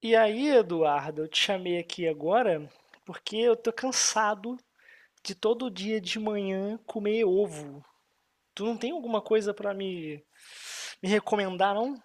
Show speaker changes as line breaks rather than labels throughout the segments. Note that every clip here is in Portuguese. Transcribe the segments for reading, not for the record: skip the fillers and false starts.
E aí, Eduardo, eu te chamei aqui agora porque eu tô cansado de todo dia de manhã comer ovo. Tu não tem alguma coisa pra me recomendar, não?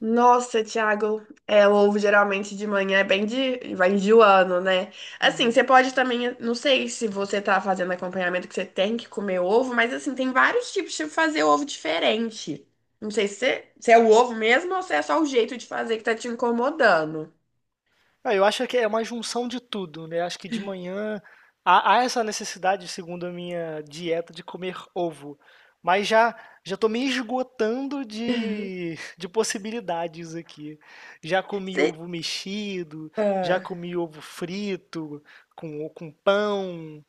Nossa, Thiago, o ovo geralmente de manhã é bem vai enjoando, né? Assim,
Uhum.
você pode também, não sei se você tá fazendo acompanhamento que você tem que comer ovo, mas assim, tem vários tipos de fazer ovo diferente. Não sei se se é o ovo mesmo ou se é só o jeito de fazer que tá te incomodando.
Ah, eu acho que é uma junção de tudo, né? Acho que de manhã há essa necessidade, segundo a minha dieta, de comer ovo. Mas já estou me esgotando de possibilidades aqui. Já comi
Você,
ovo mexido, já
ah,
comi ovo frito, com pão.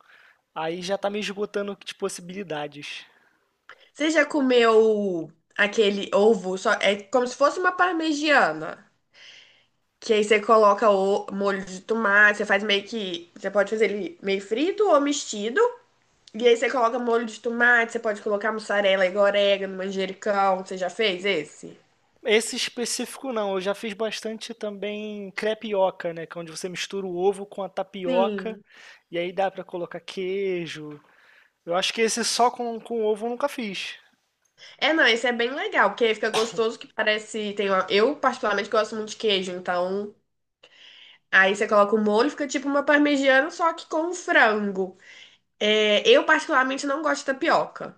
Aí já está me esgotando de possibilidades.
você já comeu aquele ovo, só, é como se fosse uma parmegiana? Que aí você coloca o molho de tomate, você faz meio que. Você pode fazer ele meio frito ou mexido. E aí você coloca molho de tomate, você pode colocar mussarela, e orégano, manjericão. Você já fez esse?
Esse específico não, eu já fiz bastante também crepioca, né? Que é onde você mistura o ovo com a tapioca
Sim.
e aí dá pra colocar queijo. Eu acho que esse só com ovo eu nunca fiz.
É, não, esse é bem legal, porque aí fica gostoso que parece. Tem uma eu, particularmente, gosto muito de queijo, então. Aí você coloca o molho, fica tipo uma parmegiana, só que com frango. É, eu particularmente não gosto de tapioca.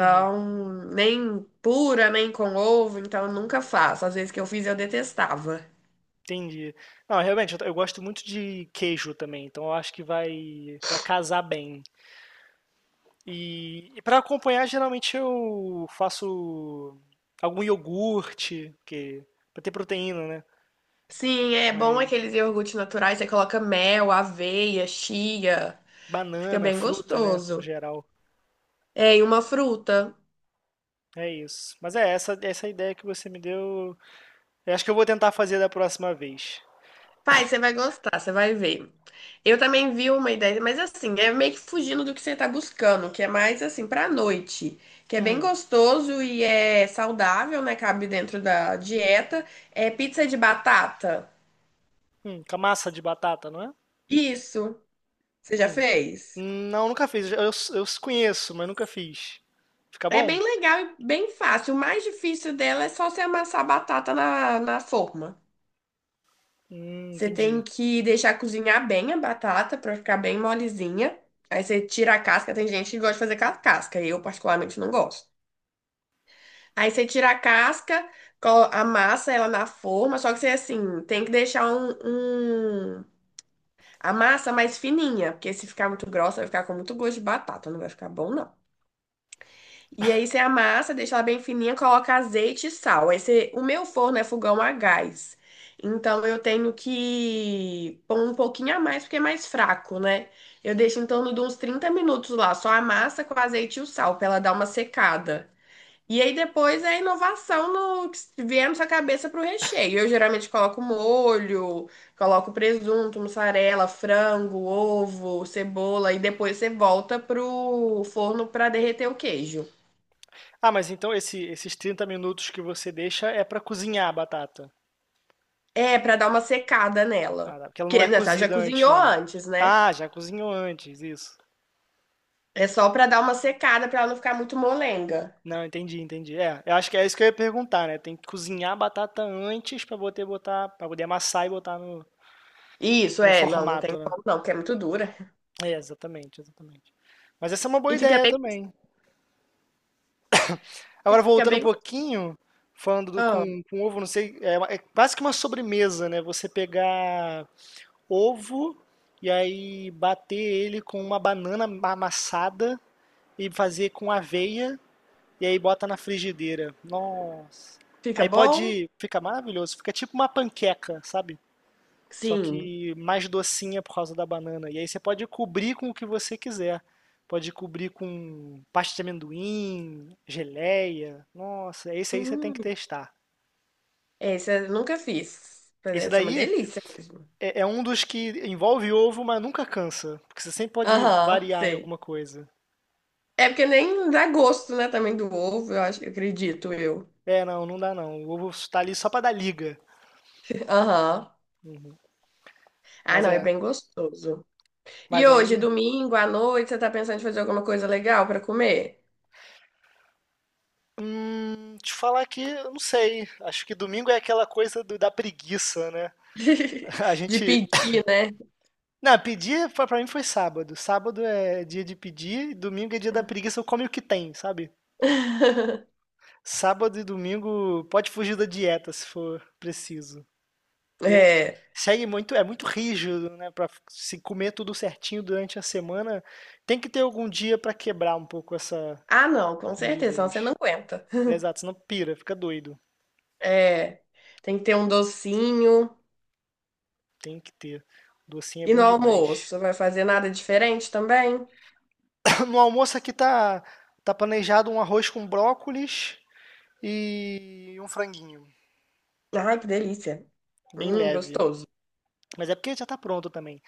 Uhum,
nem pura, nem com ovo, então eu nunca faço. Às vezes que eu fiz eu detestava.
entendi. Não, realmente, eu gosto muito de queijo também, então eu acho que vai casar bem. E para acompanhar, geralmente eu faço algum iogurte, que, pra ter proteína, né?
Sim, é bom
Mas
aqueles iogurtes naturais, você coloca mel, aveia, chia. Fica
banana,
bem
fruta, né? No
gostoso.
geral.
É, e uma fruta.
É isso. Mas é, essa ideia que você me deu. Eu acho que eu vou tentar fazer da próxima vez.
Pai, você vai gostar, você vai ver. Eu também vi uma ideia, mas assim, é meio que fugindo do que você tá buscando, que é mais assim pra noite, que é bem
Uhum.
gostoso e é saudável, né? Cabe dentro da dieta. É pizza de batata.
Com a massa de batata, não é?
Isso, você já
Hum.
fez?
Não, nunca fiz. Eu conheço, mas nunca fiz. Fica
É
bom?
bem legal e bem fácil. O mais difícil dela é só você amassar a batata na forma. Você tem
Entendi.
que deixar cozinhar bem a batata pra ficar bem molezinha. Aí você tira a casca. Tem gente que gosta de fazer com a casca. Eu, particularmente, não gosto. Aí você tira a casca, amassa ela na forma. Só que você, assim, tem que deixar um- a massa mais fininha. Porque se ficar muito grossa, vai ficar com muito gosto de batata. Não vai ficar bom, não. E aí você amassa, deixa ela bem fininha, coloca azeite e sal. Aí você o meu forno é fogão a gás. Então eu tenho que pôr um pouquinho a mais, porque é mais fraco, né? Eu deixo em torno de uns 30 minutos lá, só a massa com azeite e o sal, pra ela dar uma secada. E aí depois é a inovação no que vier na sua cabeça pro recheio. Eu geralmente coloco molho, coloco presunto, mussarela, frango, ovo, cebola, e depois você volta pro forno pra derreter o queijo.
Ah, mas então esses 30 minutos que você deixa é pra cozinhar a batata.
É, pra dar uma secada
Ah,
nela.
tá. Porque ela não
Porque
é
né, ela já
cozida antes,
cozinhou
não.
antes, né?
Ah, já cozinhou antes, isso.
É só pra dar uma secada pra ela não ficar muito molenga.
Não, entendi, entendi. É, eu acho que é isso que eu ia perguntar, né? Tem que cozinhar a batata antes pra poder botar, para poder amassar e botar no,
Isso,
no
não, não tem
formato, né?
como não, porque é muito dura.
É, exatamente, exatamente. Mas essa é uma boa
E fica
ideia
bem,
também. Agora,
fica
voltando um
bem,
pouquinho, falando
ah,
com ovo, não sei, é, é quase que uma sobremesa, né? Você pegar ovo e aí bater ele com uma banana amassada e fazer com aveia e aí bota na frigideira. Nossa.
fica
Aí
bom?
pode, fica maravilhoso, fica tipo uma panqueca, sabe? Só
Sim.
que mais docinha por causa da banana. E aí você pode cobrir com o que você quiser. Pode cobrir com pasta de amendoim, geleia. Nossa, esse aí você tem
Hum,
que testar.
esse eu nunca fiz. Mas
Esse
deve ser uma
daí
delícia mesmo.
é um dos que envolve ovo, mas nunca cansa. Porque você sempre pode
Aham,
variar em
sei.
alguma coisa.
É porque nem dá gosto, né, também do ovo, eu acho, eu acredito eu.
É, não, não dá não. O ovo tá ali só pra dar liga.
Aham. Ah,
Mas
não, é
é.
bem gostoso. E
Mas
hoje,
aí.
domingo à noite, você tá pensando em fazer alguma coisa legal pra comer?
Te falar que, eu não sei. Acho que domingo é aquela coisa da preguiça, né? A
De
gente
pedir, né?
Não, pedir pra mim foi sábado. Sábado é dia de pedir, domingo é dia da preguiça, eu como o que tem, sabe? Sábado e domingo pode fugir da dieta se for preciso. Porque
É.
segue muito, é muito rígido, né? Pra se comer tudo certinho durante a semana, tem que ter algum dia pra quebrar um pouco essa
Ah, não, com
essa
certeza, senão você não
rigidez.
aguenta.
É, exato, senão pira, fica doido.
É. Tem que ter um docinho.
Tem que ter. Docinho é
E no
bom demais.
almoço, vai fazer nada diferente também?
No almoço aqui tá planejado um arroz com brócolis e um franguinho.
Ai, que delícia.
Bem leve.
Gostoso.
Mas é porque já tá pronto também.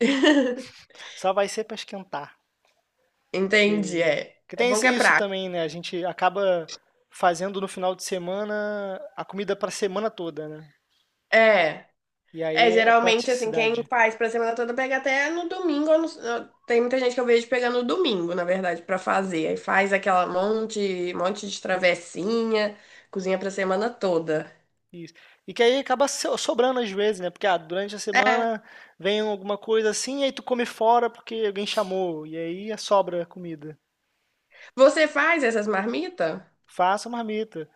Só vai ser pra esquentar.
Entendi,
Que,
é.
que
É
tem
bom que é
isso
prático.
também, né? A gente acaba fazendo no final de semana a comida pra semana toda, né?
É.
E
É,
aí é
geralmente, assim, quem
praticidade.
faz pra semana toda pega até no domingo. Ou no- Tem muita gente que eu vejo pegando no domingo, na verdade, pra fazer. Aí faz aquela monte de travessinha, cozinha pra semana toda.
Isso. E que aí acaba sobrando às vezes, né? Porque ah, durante a
É.
semana vem alguma coisa assim, e aí tu come fora porque alguém chamou. E aí sobra a comida.
Você faz essas marmitas?
Faça marmita.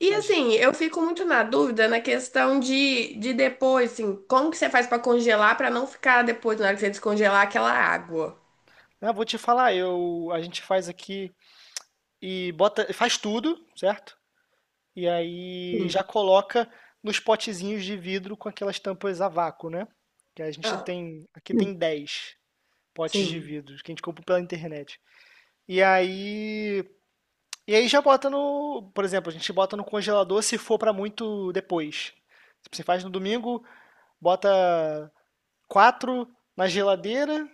E
A gen-
assim, eu fico muito na dúvida na questão de depois, assim, como que você faz pra congelar pra não ficar depois, na hora que você descongelar, aquela água?
Ah, vou te falar, a gente faz aqui e bota, faz tudo, certo? E aí já
Sim.
coloca nos potezinhos de vidro com aquelas tampas a vácuo, né? Que a gente
Ah,
tem, aqui tem 10 potes de
sim,
vidro que a gente compra pela internet. E aí, e aí, já bota no, por exemplo, a gente bota no congelador se for para muito depois. Tipo, você faz no domingo, bota 4 na geladeira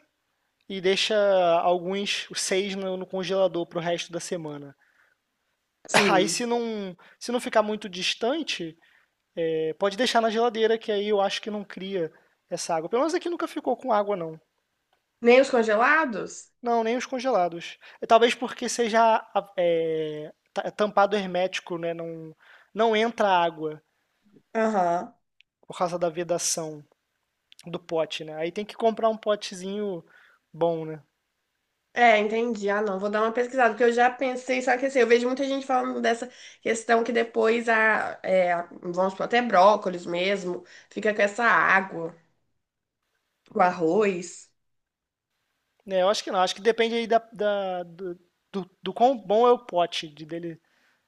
e deixa alguns, os 6 no, congelador pro resto da semana. Aí se
sim.
não, se não ficar muito distante, é, pode deixar na geladeira, que aí eu acho que não cria essa água. Pelo menos aqui nunca ficou com água, não.
Nem os congelados?
Não, nem os congelados. É, talvez porque seja é, é tampado hermético, né? Não, não entra água
Aham.
por causa da vedação do pote, né? Aí tem que comprar um potezinho bom, né?
É, entendi. Ah, não, vou dar uma pesquisada, porque eu já pensei, só que assim, eu vejo muita gente falando dessa questão que depois vamos supor, até brócolis mesmo, fica com essa água, o arroz.
É, eu acho que não. Acho que depende aí do quão bom é o pote, de dele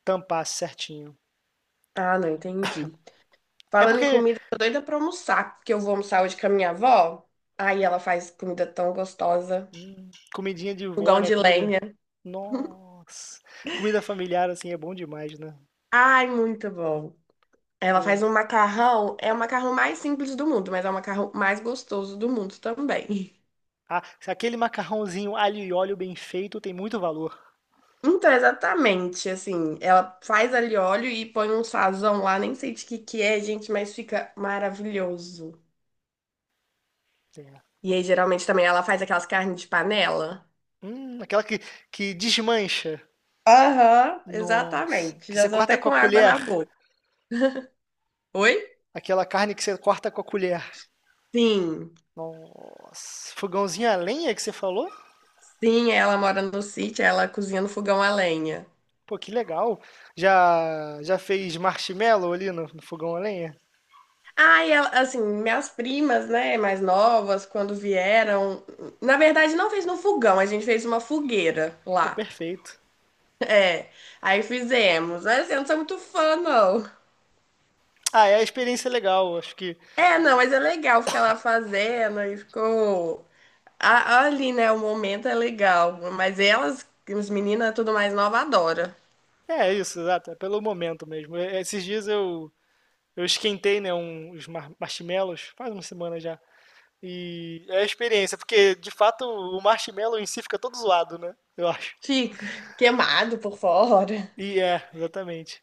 tampar certinho.
Ah, não, entendi.
É
Falando em
porque
comida, eu tô doida pra almoçar, porque eu vou almoçar hoje com a minha avó, aí ela faz comida tão gostosa,
hum, comidinha de vó,
fogão
né?
de
Comida.
lenha.
Nossa! Comida familiar, assim, é bom demais, né?
Ai, muito bom. Ela
Pô.
faz um macarrão, é o macarrão mais simples do mundo, mas é o macarrão mais gostoso do mundo também.
Ah, se aquele macarrãozinho alho e óleo bem feito tem muito valor.
Então, exatamente, assim, ela faz ali óleo e põe um sazão lá, nem sei de que é, gente, mas fica maravilhoso.
É.
E aí, geralmente, também ela faz aquelas carnes de panela.
Aquela que desmancha.
Aham,
Nossa!
exatamente.
Que você
Já tô
corta
até
com a
com água na
colher.
boca. Oi?
Aquela carne que você corta com a colher.
Sim,
Nossa! Fogãozinho a lenha que você falou?
sim, ela mora no sítio, ela cozinha no fogão a lenha.
Pô, que legal. Já fez marshmallow ali no, fogão a lenha?
Ah, e ela, assim, minhas primas, né, mais novas, quando vieram, na verdade, não fez no fogão, a gente fez uma fogueira
Pô,
lá.
perfeito.
É, aí fizemos. Mas assim, eu não sou muito fã, não.
Ah, é a experiência legal. Acho que
É, não, mas é legal ficar lá fazendo e ficou. Ali, né? O momento é legal. Mas elas, as meninas, tudo mais nova, adora.
é isso, exato. É pelo momento mesmo. É, esses dias eu esquentei, né, uns marshmallows, faz uma semana já. E é a experiência, porque de fato o marshmallow em si fica todo zoado, né? Eu acho.
Fica queimado por fora.
E é, exatamente.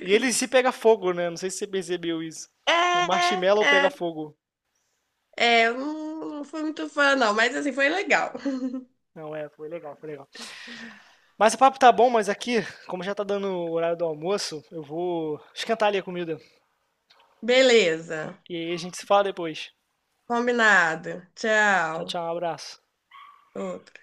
E ele em si pega fogo, né? Não sei se você percebeu isso. O
É,
marshmallow pega
é,
fogo.
é, eu não fui muito fã, não, mas assim, foi legal.
Não, é, foi legal, foi legal. Mas o papo tá bom, mas aqui, como já tá dando o horário do almoço, eu vou esquentar ali a comida.
Beleza,
E aí a gente se fala depois.
combinado.
Tchau,
Tchau.
tchau, um abraço.
Outro.